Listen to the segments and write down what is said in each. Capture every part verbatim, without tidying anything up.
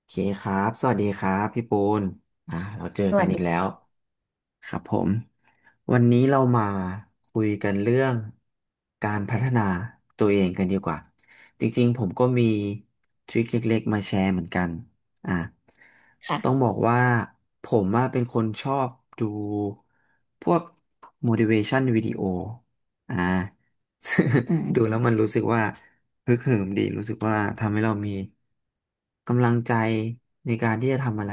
โอเคครับ สวัสดีครับพี่ปูนอ่าเราเจอสกัวันสอีกแล้ดีวครับผมวันนี้เรามาคุยกันเรื่องการพัฒนาตัวเองกันดีกว่าจริงๆผมก็มีทริคเล็กๆมาแชร์เหมือนกันอ่าค่ะต้องบอกว่าผมอะเป็นคนชอบดูพวก motivation video อ่า อืม ดูแล้วมันรู้สึกว่า ฮึกเหิมดีรู้สึกว่าทำให้เรามีกำลังใจในการที่จะทำอะไร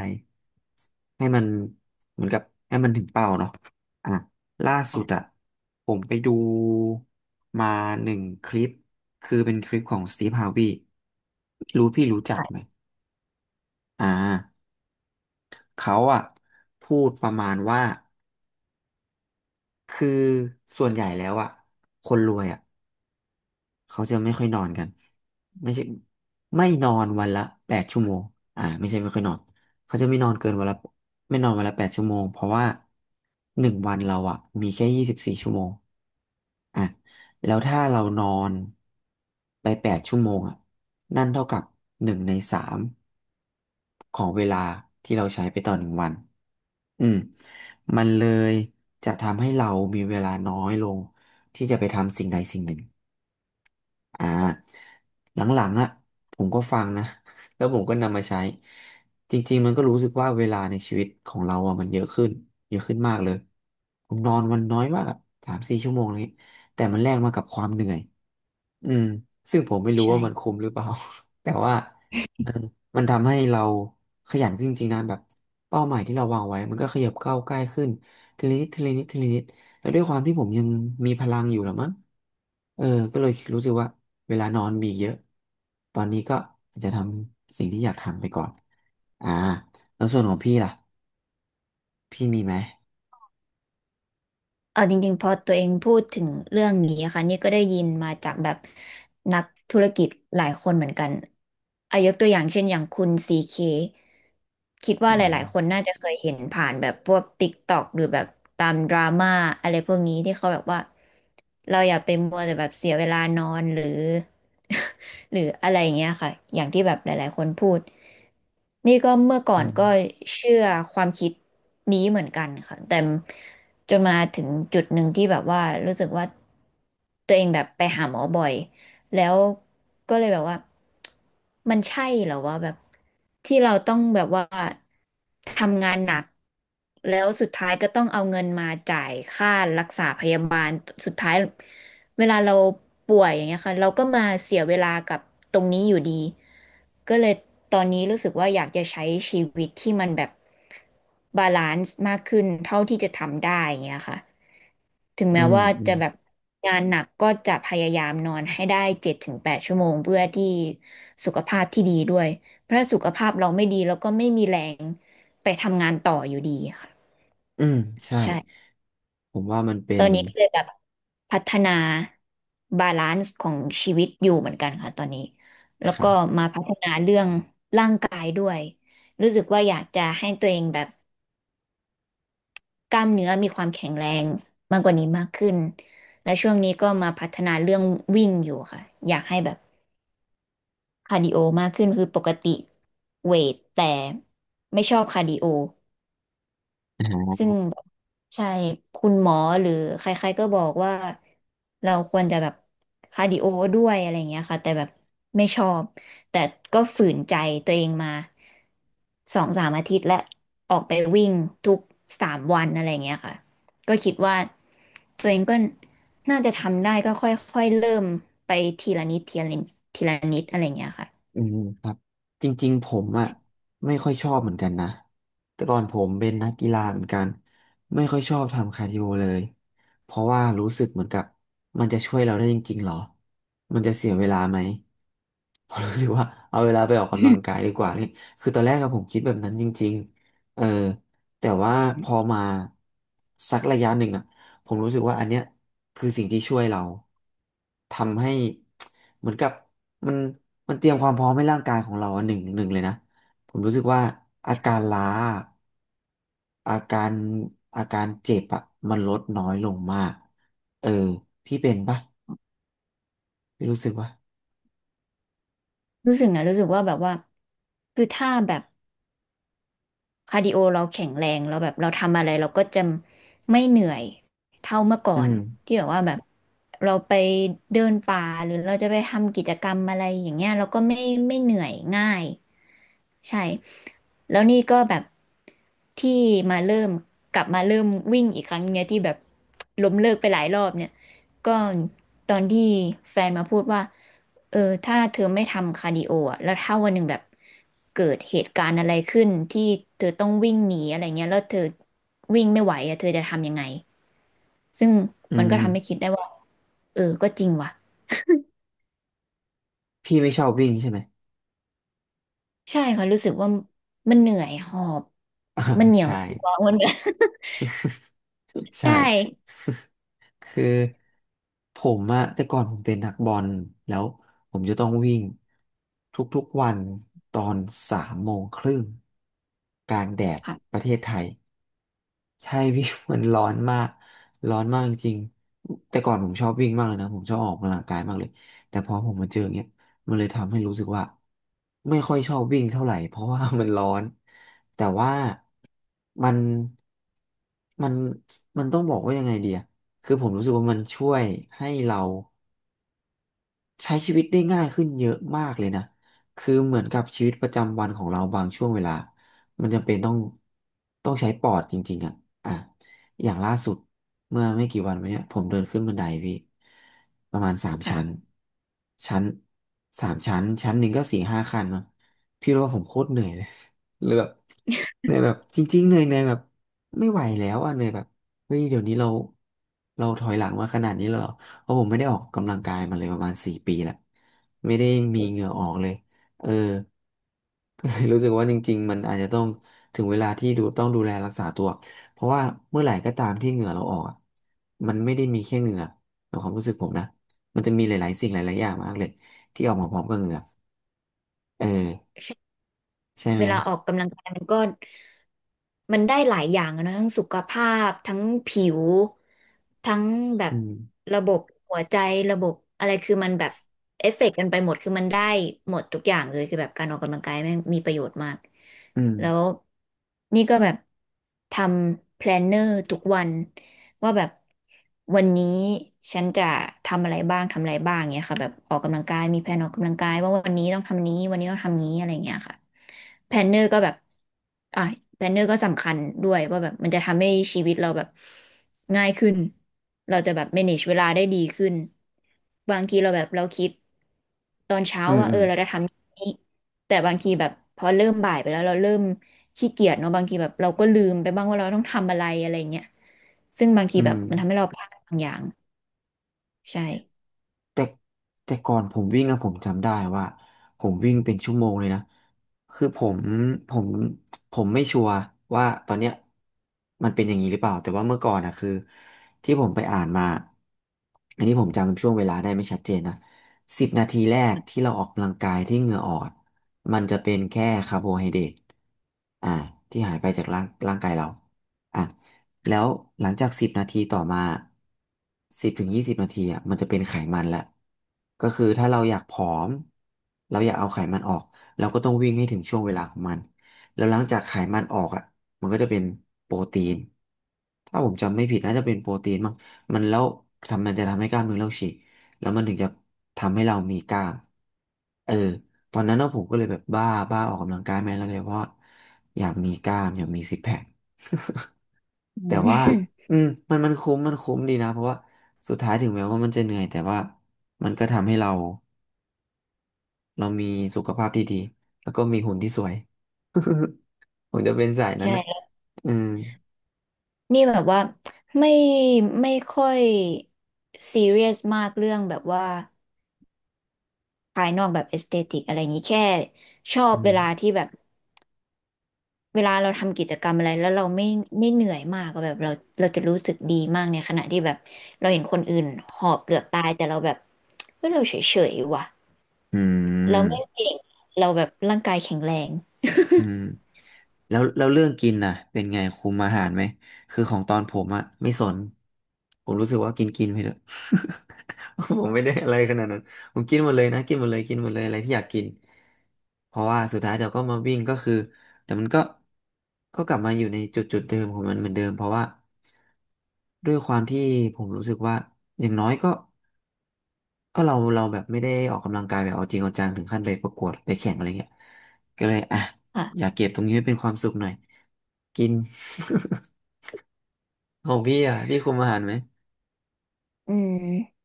ให้มันเหมือนกับให้มันถึงเป้าเนาะอ่ะล่าสุดอ่ะผมไปดูมาหนึ่งคลิปคือเป็นคลิปของสตีฟฮาร์วีรู้พี่รู้จักไหมค่ะอ่าเขาอ่ะพูดประมาณว่าคือส่วนใหญ่แล้วอ่ะคนรวยอ่ะ เขาจะไม่ค่อยนอนกันไม่ใช่ไม่นอนวันละแปดชั่วโมงอ่าไม่ใช่ไม่ค่อยนอนเขาจะไม่นอนเกินวันละไม่นอนวันละแปดชั่วโมงเพราะว่าหนึ่งวันเราอะมีแค่ยี่สิบสี่ชั่วโมงอ่ะแล้วถ้าเรานอนไปแปดชั่วโมงอ่ะนั่นเท่ากับหนึ่งในสามของเวลาที่เราใช้ไปต่อหนึ่งวันอืมมันเลยจะทำให้เรามีเวลาน้อยลงที่จะไปทำสิ่งใดสิ่งหนึ่ง อ่าหลังๆอ่ะผมก็ฟังนะ แล้วผมก็นำมาใช้จริงๆมันก็รู้สึกว่าเวลาในชีวิตของเราอ่ะมันเยอะขึ้นเยอะขึ้นมากเลยผมนอนวันน้อยมากสามสี่ชั่วโมงเลยแต่มันแลกมากับความเหนื่อย อืมซึ่งผมไม่รู้ว่ามันคุ้ใช่มหรือเปล่า แต่ว่ามันมันทำให้เราขยันขึ้นจริงๆนะแบบเป้าหมายที่เราวางไว้มันก็ขยับก้าวใกล้ขึ้นทีละนิดทีละนิดทีละนิดแล้วด้วยความที่ผมยังมีพลังอยู่หรอมั้งเออก็เลยรู้สึกว่าเวลานอนมีเยอะตอนนี้ก็อาจจะทำสิ่งที่อยากทำไปก่อนอ่าแล้วส่วนของพี่ล่ะพี่มีไหมเออจริงๆ พอตัวเองพูดถึงเรื่องนี้ะค่ะนี่ก็ได้ยินมาจากแบบนักธุรกิจหลายคนเหมือนกันอายกตัวอย่างเช่นอย่างคุณซีเคคิดว่าอืหลายๆคมนน่าจะเคยเห็นผ่านแบบพวก TikTok หรือแบบตามดราม่าอะไรพวกนี้ที่เขาแบบว่าเราอย่าไปมัวแต่แบบเสียเวลานอนหรือ หรืออะไรอย่างเงี้ยค่ะอย่างที่แบบหลายๆคนพูด นี่ก็เมื่อก่ออืนมก็เชื่อความคิดนี้เหมือนกันค่ะแต่จนมาถึงจุดหนึ่งที่แบบว่ารู้สึกว่าตัวเองแบบไปหาหมอบ่อย แล้วก็เลยแบบว่ามันใช่เหรอว่าแบบที่เราต้องแบบว่าทำงานหนักแล้วสุดท้ายก็ต้องเอาเงินมาจ่ายค่ารักษาพยาบาลสุดท้ายเวลาเราป่วยอย่างเงี้ยค่ะเราก็มาเสียเวลากับตรงนี้อยู่ดีก็เลยตอนนี้รู้สึกว่าอยากจะใช้ชีวิตที่มันแบบบาลานซ์มากขึ้นเท่าที่จะทำได้อย่างเงี้ยค่ะ ถึงอืแม้มว่าอืจะมแบบงานหนักก็จะพยายามนอนให้ได้เจ็ดถึงแปดชั่วโมงเพื่อที่สุขภาพที่ดีด้วยเพราะถ้าสุขภาพเราไม่ดีเราก็ไม่มีแรงไปทำงานต่ออยู่ดีค่ะอืมใช่ใช่ผมว่ามันเป็ตอนนนี้ก็เลยแบบพัฒนาบาลานซ์ของชีวิตอยู่เหมือนกันค่ะตอนนี้แล้วค่ะก็มาพัฒนาเรื่องร่างกายด้วยรู้สึกว่าอยากจะให้ตัวเองแบบ กล้ามเนื้อมีความแข็งแรงมากกว่านี้มากขึ้น และช่วงนี้ก็มาพัฒนาเรื่องวิ่งอยู่ค่ะ อยากให้แบบคาร์ดิโอมากขึ้นคือปกติเวทแต่ไม่ชอบคาร์ดิโอ ซึ่งแบบใช่คุณหมอหรือใครๆก็บอกว่าเราควรจะแบบคาร์ดิโอด้วยอะไรอย่างเงี้ยค่ะแต่แบบไม่ชอบแต่ก็ฝืนใจตัวเองมาสองสามอาทิตย์และออกไปวิ่งทุกสามวันอะไรอย่างเงี้ยค่ะก็คิดว่าตัวเองก็น่าจะทำได้ก็ค่อยๆเริ่มไปทีละนิดทีละนิดทีละนิดอะไรอย่างเงี้ยค่ะ อืม จริงๆผมอ่ะไม่ค่อยชอบเหมือนกันนะแต่ก่อนผมเป็นนักกีฬาเหมือนกันไม่ค่อยชอบทำคาร์ดิโอเลยเพราะว่ารู้สึกเหมือนกับมันจะช่วยเราได้จริงๆหรอมันจะเสียเวลาไหมผมรู้สึกว่าเอาเวลาไปออกกำลังกายดีกว่านี่คือตอนแรกอะผมคิดแบบนั้นจริงๆเออแต่ว่าพอมาสักระยะหนึ่งอะผมรู้สึกว่าอันเนี้ยคือสิ่งที่ช่วยเราทำให้ เหมือนกับมัน มันเตรียมความพร้อมให้ร่างกายของเราอะหนึ่งหนึ่งเลยนะผมรู้สึกว่าอาการล้าอาการอาการเจ็บอะมันลดน้อยลงมากเออพี่เป็นปะพี่รู้สึกว่า รู้สึกนะรู้สึกว่าแบบว่าคือถ้าแบบ คาร์ดิโอเราแข็งแรงเราแบบเราทำอะไรเราก็จะไม่เหนื่อยเท่าเมื่อก่อือนมที่แบบว่าแบบเราไปเดินป่าหรือเราจะไปทำกิจกรรมอะไรอย่างเงี้ยเราก็ไม่ไม่เหนื่อยง่าย ใช่แล้วนี่ก็แบบที่มาเริ่มกลับมาเริ่มวิ่งอีกครั้งเนี่ยที่แบบล้มเลิกไปหลายรอบเนี่ยก็ตอนที่แฟนมาพูดว่าเออถ้าเธอไม่ทำคาร์ดิโออะแล้วถ้าวันหนึ่งแบบเกิดเหตุการณ์อะไรขึ้นที่เธอต้องวิ่งหนีอะไรเงี้ยแล้วเธอวิ่งไม่ไหวอะเธอจะทำยังไงซึ่งอืมันก็ทำให้มคิดได้ว่าเออก็จริงว่ะพี่ไม่ชอบวิ่งใช่ไหม ใช่ค่ะรู้สึกว่ามันเหนื่อยหอบมัน เหนียวใช่ ตัว มัน ใช่ ใช่ คือผมอะแต่ก่อนผมเป็นนักบอลแล้วผมจะต้องวิ่งทุกๆวันตอนสามโมงครึ่งกลางแดดค่ะประเทศไทย ใช่พี่ มันร้อนมากร้อนมากจริงๆแต่ก่อนผมชอบวิ่งมากเลยนะผมชอบออกกำลังกายมากเลยแต่พอผมมาเจออย่างเงี้ยมันเลยทำให้รู้สึกว่าไม่ค่อยชอบวิ่งเท่าไหร่เพราะว่ามันร้อนแต่ว่ามันมันมันต้องบอกว่ายังไงดีอะคือผมรู้สึกว่ามันช่วยให้เรา ใช้ชีวิตได้ง่ายขึ้นเยอะมากเลยนะ คือเหมือนกับชีวิตประจำวันของเราบางช่วงเวลา มันจำเป็นต้องต้องใช้ปอดจริงๆอ่ะอ่ะ อย่างล่าสุดเมื่อไม่กี่วันมาเนี้ยผมเดินขึ้นบันไดพี่ประมาณสามค่ะชั้นชั้นสามชั้นชั้นหนึ่งก็สี่ห้าขั้นเนาะพี่รู้ว่าผมโคตรเหนื่อยเลย เลยแบบเหนื่อยแบบจริงๆเหนื่อยเหนื่อยแบบไม่ไหวแล้วอ่ะเหนื่อยแบบเฮ้ยเดี๋ยวนี้เราเราถอยหลังมาขนาดนี้แล้วเหรอ เพราะผมไม่ได้ออกกำลังกายมาเลยประมาณสี่ปีละไม่ได้มีโอเห้งื่อออกเลยเออ ก็เลยรู้สึกว่าจริงๆมันอาจจะต้องถึงเวลาที่ดูต้องดูแลรักษาตัวเพราะว่าเมื่อไหร่ก็ตามที่เหงื่อเราออกอะมันไม่ได้มีแค่เหงื่อในความรู้สึกผมนะมันจะมีหลายๆสิ่งหลายๆอย่างมากเลยที่ออกมาพร้อมกับเหงื่อเออใช่ใช่ไหเวมลาออกกำลังกายมันก็มันได้หลายอย่างอะนะทั้งสุขภาพทั้งผิวทั้งแบบอืมระบบหัวใจระบบอะไรคือมันแบบเอฟเฟกต์กันไปหมดคือมันได้หมดทุกอย่างเลยคือแบบการออกกำลังกายแม่งมีประโยชน์มากอืมแล้วนี่ก็แบบทำแพลนเนอร์ทุกวัน ว่าแบบวันนี้ฉันจะทำอะไรบ้างทำอะไรบ้างเงี้ยค่ะแบบออกกำลังกายมีแผนออกกำลังกายว่าวันนี้ต้องทำนี้วันนี้ต้องทำนี้อะไรเงี้ยค่ะแพลนเนอร์ก็แบบอ่ะแพลนเนอร์ก็สำคัญด้วยว่าแบบมันจะทำให้ชีวิตเราแบบง่ายขึ้นเราจะแบบ manage เวลาได้ดีขึ้นบางทีเราแบบเราคิดตอนเช้าอืมว่าอืเออมเราจะทำนี้แต่บางทีแบบพอเริ่มบ่ายไปแล้วเราเริ่มขี้เกียจเนาะบางทีแบบเราก็ลืมไปบ้างว่าเราต้องทำอะไรอะไรเงี้ย ซึ่งบางทีอืแบบม มันทำให้เราพลาดบางอย่างใช่แต่แต่ก่อนผมวิ่งอะผมจำได้ว่าผมวิ่งเป็นชั่วโมงเลยนะคือผมผมผมไม่ชัวร์ว่าตอนเนี้ยมันเป็นอย่างนี้หรือเปล่าแต่ว่าเมื่อก่อนอะคือที่ผมไปอ่านมาอันนี้ผมจำช่วงเวลาได้ไม่ชัดเจนนะสิบนาทีแรกที่เราออกกำลังกายที่เหงื่อออกอะมันจะเป็นแค่คาร์โบไฮเดรตอ่าที่หายไปจากร่างร่างกายเราอ่ะ แล้วหลังจากสิบนาทีต่อมาสิบถึงยี่สิบนาทีอ่ะมันจะเป็นไขมันละก็คือถ้าเราอยากผอมเราอยากเอาไขมันออกเราก็ต้องวิ่งให้ถึงช่วงเวลาของมันแล้วหลังจากไขมันออกอ่ะมันก็จะเป็นโปรตีนถ้าผมจำไม่ผิดน่าจะเป็นโปรตีนมั้งมันแล้วทำมันจะทำให้กล้ามเนื้อเราฉีกแล้วมันถึงจะทำให้เรามีกล้ามเออตอนนั้นนะผมก็เลยแบบบ้าบ้าออกกำลังกายแม่แล้วเลยเพราะอยากมีกล้ามอยากมีซิกแพค อืแต่ว่าม อืมมันมันคุ้มมันคุ้มดีนะ เพราะว่าสุดท้ายถึงแม้ว่ามันจะเหนื่อยแต่ว่ามันก็ทำให้เราเรามีสุขภาพที่ดีแล้วก็มีหุ่นที่สวย ผมจะเป็นสาย นั้นนะใช่อืมนี่แบบว่าไม่ไม่ค่อยซีเรียสมากเรื่องแบบว่าภายนอกแบบเอสเตติกอะไรอย่างนี้แค่ชออืบเวมลาที่แบบเวลาเราทำกิจกรรมอะไรแล้วเราไม่ไม่เหนื่อยมากอะแบบเราเราจะรู้สึกดีมากในขณะที่แบบเราเห็นคนอื่นหอบเกือบตายแต่เราแบบเฮ้ยเราเฉยๆว่ะอืเราไม่มเก่งเราแบบร่างกายแข็งแรงอืม แล้วแล้วเรื่องกินน่ะเป็นไงคุมอาหารไหมคือของตอนผมอะไม่สนผมรู้สึกว่ากินกินไปเถอะ ผมไม่ได้อะไรขนาดนั้นผมกินหมดเลยนะกินหมดเลยกินหมดเลยอะไรที่อยากกินเพราะว่าสุดท้ายเดี๋ยวก็มาวิ่งก็คือเดี๋ยวมันก็ก็กลับมาอยู่ในจุดจุดเดิมของมันเหมือนเดิมเพราะว่าด้วยความที่ผมรู้สึกว่าอย่างน้อยก็ ก็เราเราแบบไม่ได้ออกกำลังกายแบบเอาจริงเอาจังถึงขั้นไปประกวดไปแข่งอะไรเงี้ยก็เลยอ่ะอ่ะอยากเก็บตรงนี้ไว้เป็นความสุขหน่อยกิน ของพี่อ่ะพี่คุมอาหารไหมอืม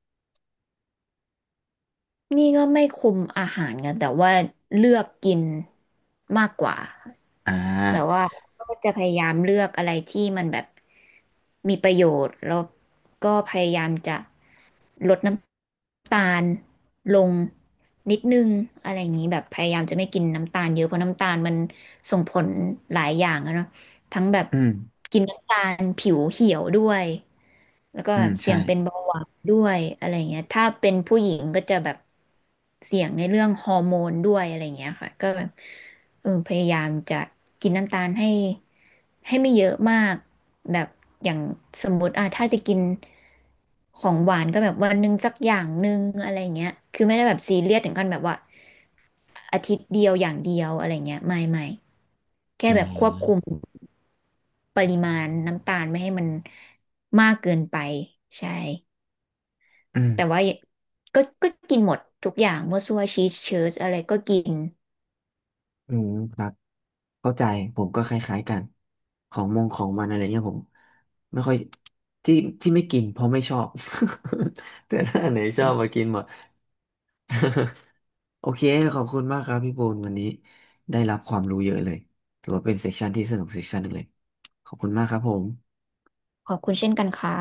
นี่ก็ไม่คุมอาหารกันแต่ว่าเลือกกินมากกว่าอ่แบบาว่าก็จะพยายามเลือกอะไรที่มันแบบมีประโยชน์แล้วก็พยายามจะลดน้ำตาลลงนิดนึงอะไรอย่างนี้แบบพยายามจะไม่กินน้ำตาลเยอะเพราะน้ำตาลมันส่งผลหลายอย่างอะเนาะทั้งแบบอืมกินน้ำตาลผิวเหี่ยวด้วย แล้วก็อืแบมบเสี่ใช่ยงเป็นเบาหวานด้วยอะไรเงี้ยถ้าเป็นผู้หญิงก็จะแบบเสี่ยงในเรื่องฮอร์โมนด้วยอะไรเงี้ยค่ะก็แบบเออพยายามจะกินน้ำตาลให้ให้ไม่เยอะมากแบบอย่างสมมติอ่ะถ้าจะกินของหวานก็แบบวันหนึ่งสักอย่างหนึ่งอะไรเงี้ยคือไม่ได้แบบซีเรียสถึงขั้นแบบว่าอาทิตย์เดียวอย่างเดียวอะไรเงี้ยไม่ไม่แค่อืแบบควบคุมมปริมาณน้ำตาลไม่ให้มันมากเกินไปใช่ อืมแต่ว่าก็ก็กินหมดทุกอย่างมั่วซั่วชีสเชีสอะไรก็กินอืมครับเข้าใจผมก็คล้ายๆกันของมงของมันอะไรเงี้ยผมไม่ค่อยที่ที่ไม่กินเพราะไม่ชอบ แต่ถ้าอันไหนชอบมากินหมด โอเคขอบคุณมากครับพี่โบนวันนี้ได้รับความรู้เยอะเลยถือว่าเป็นเซสชันที่สนุกเซสชันหนึ่งเลยขอบคุณมากครับผมขอบคุณเช่นกันค่ะ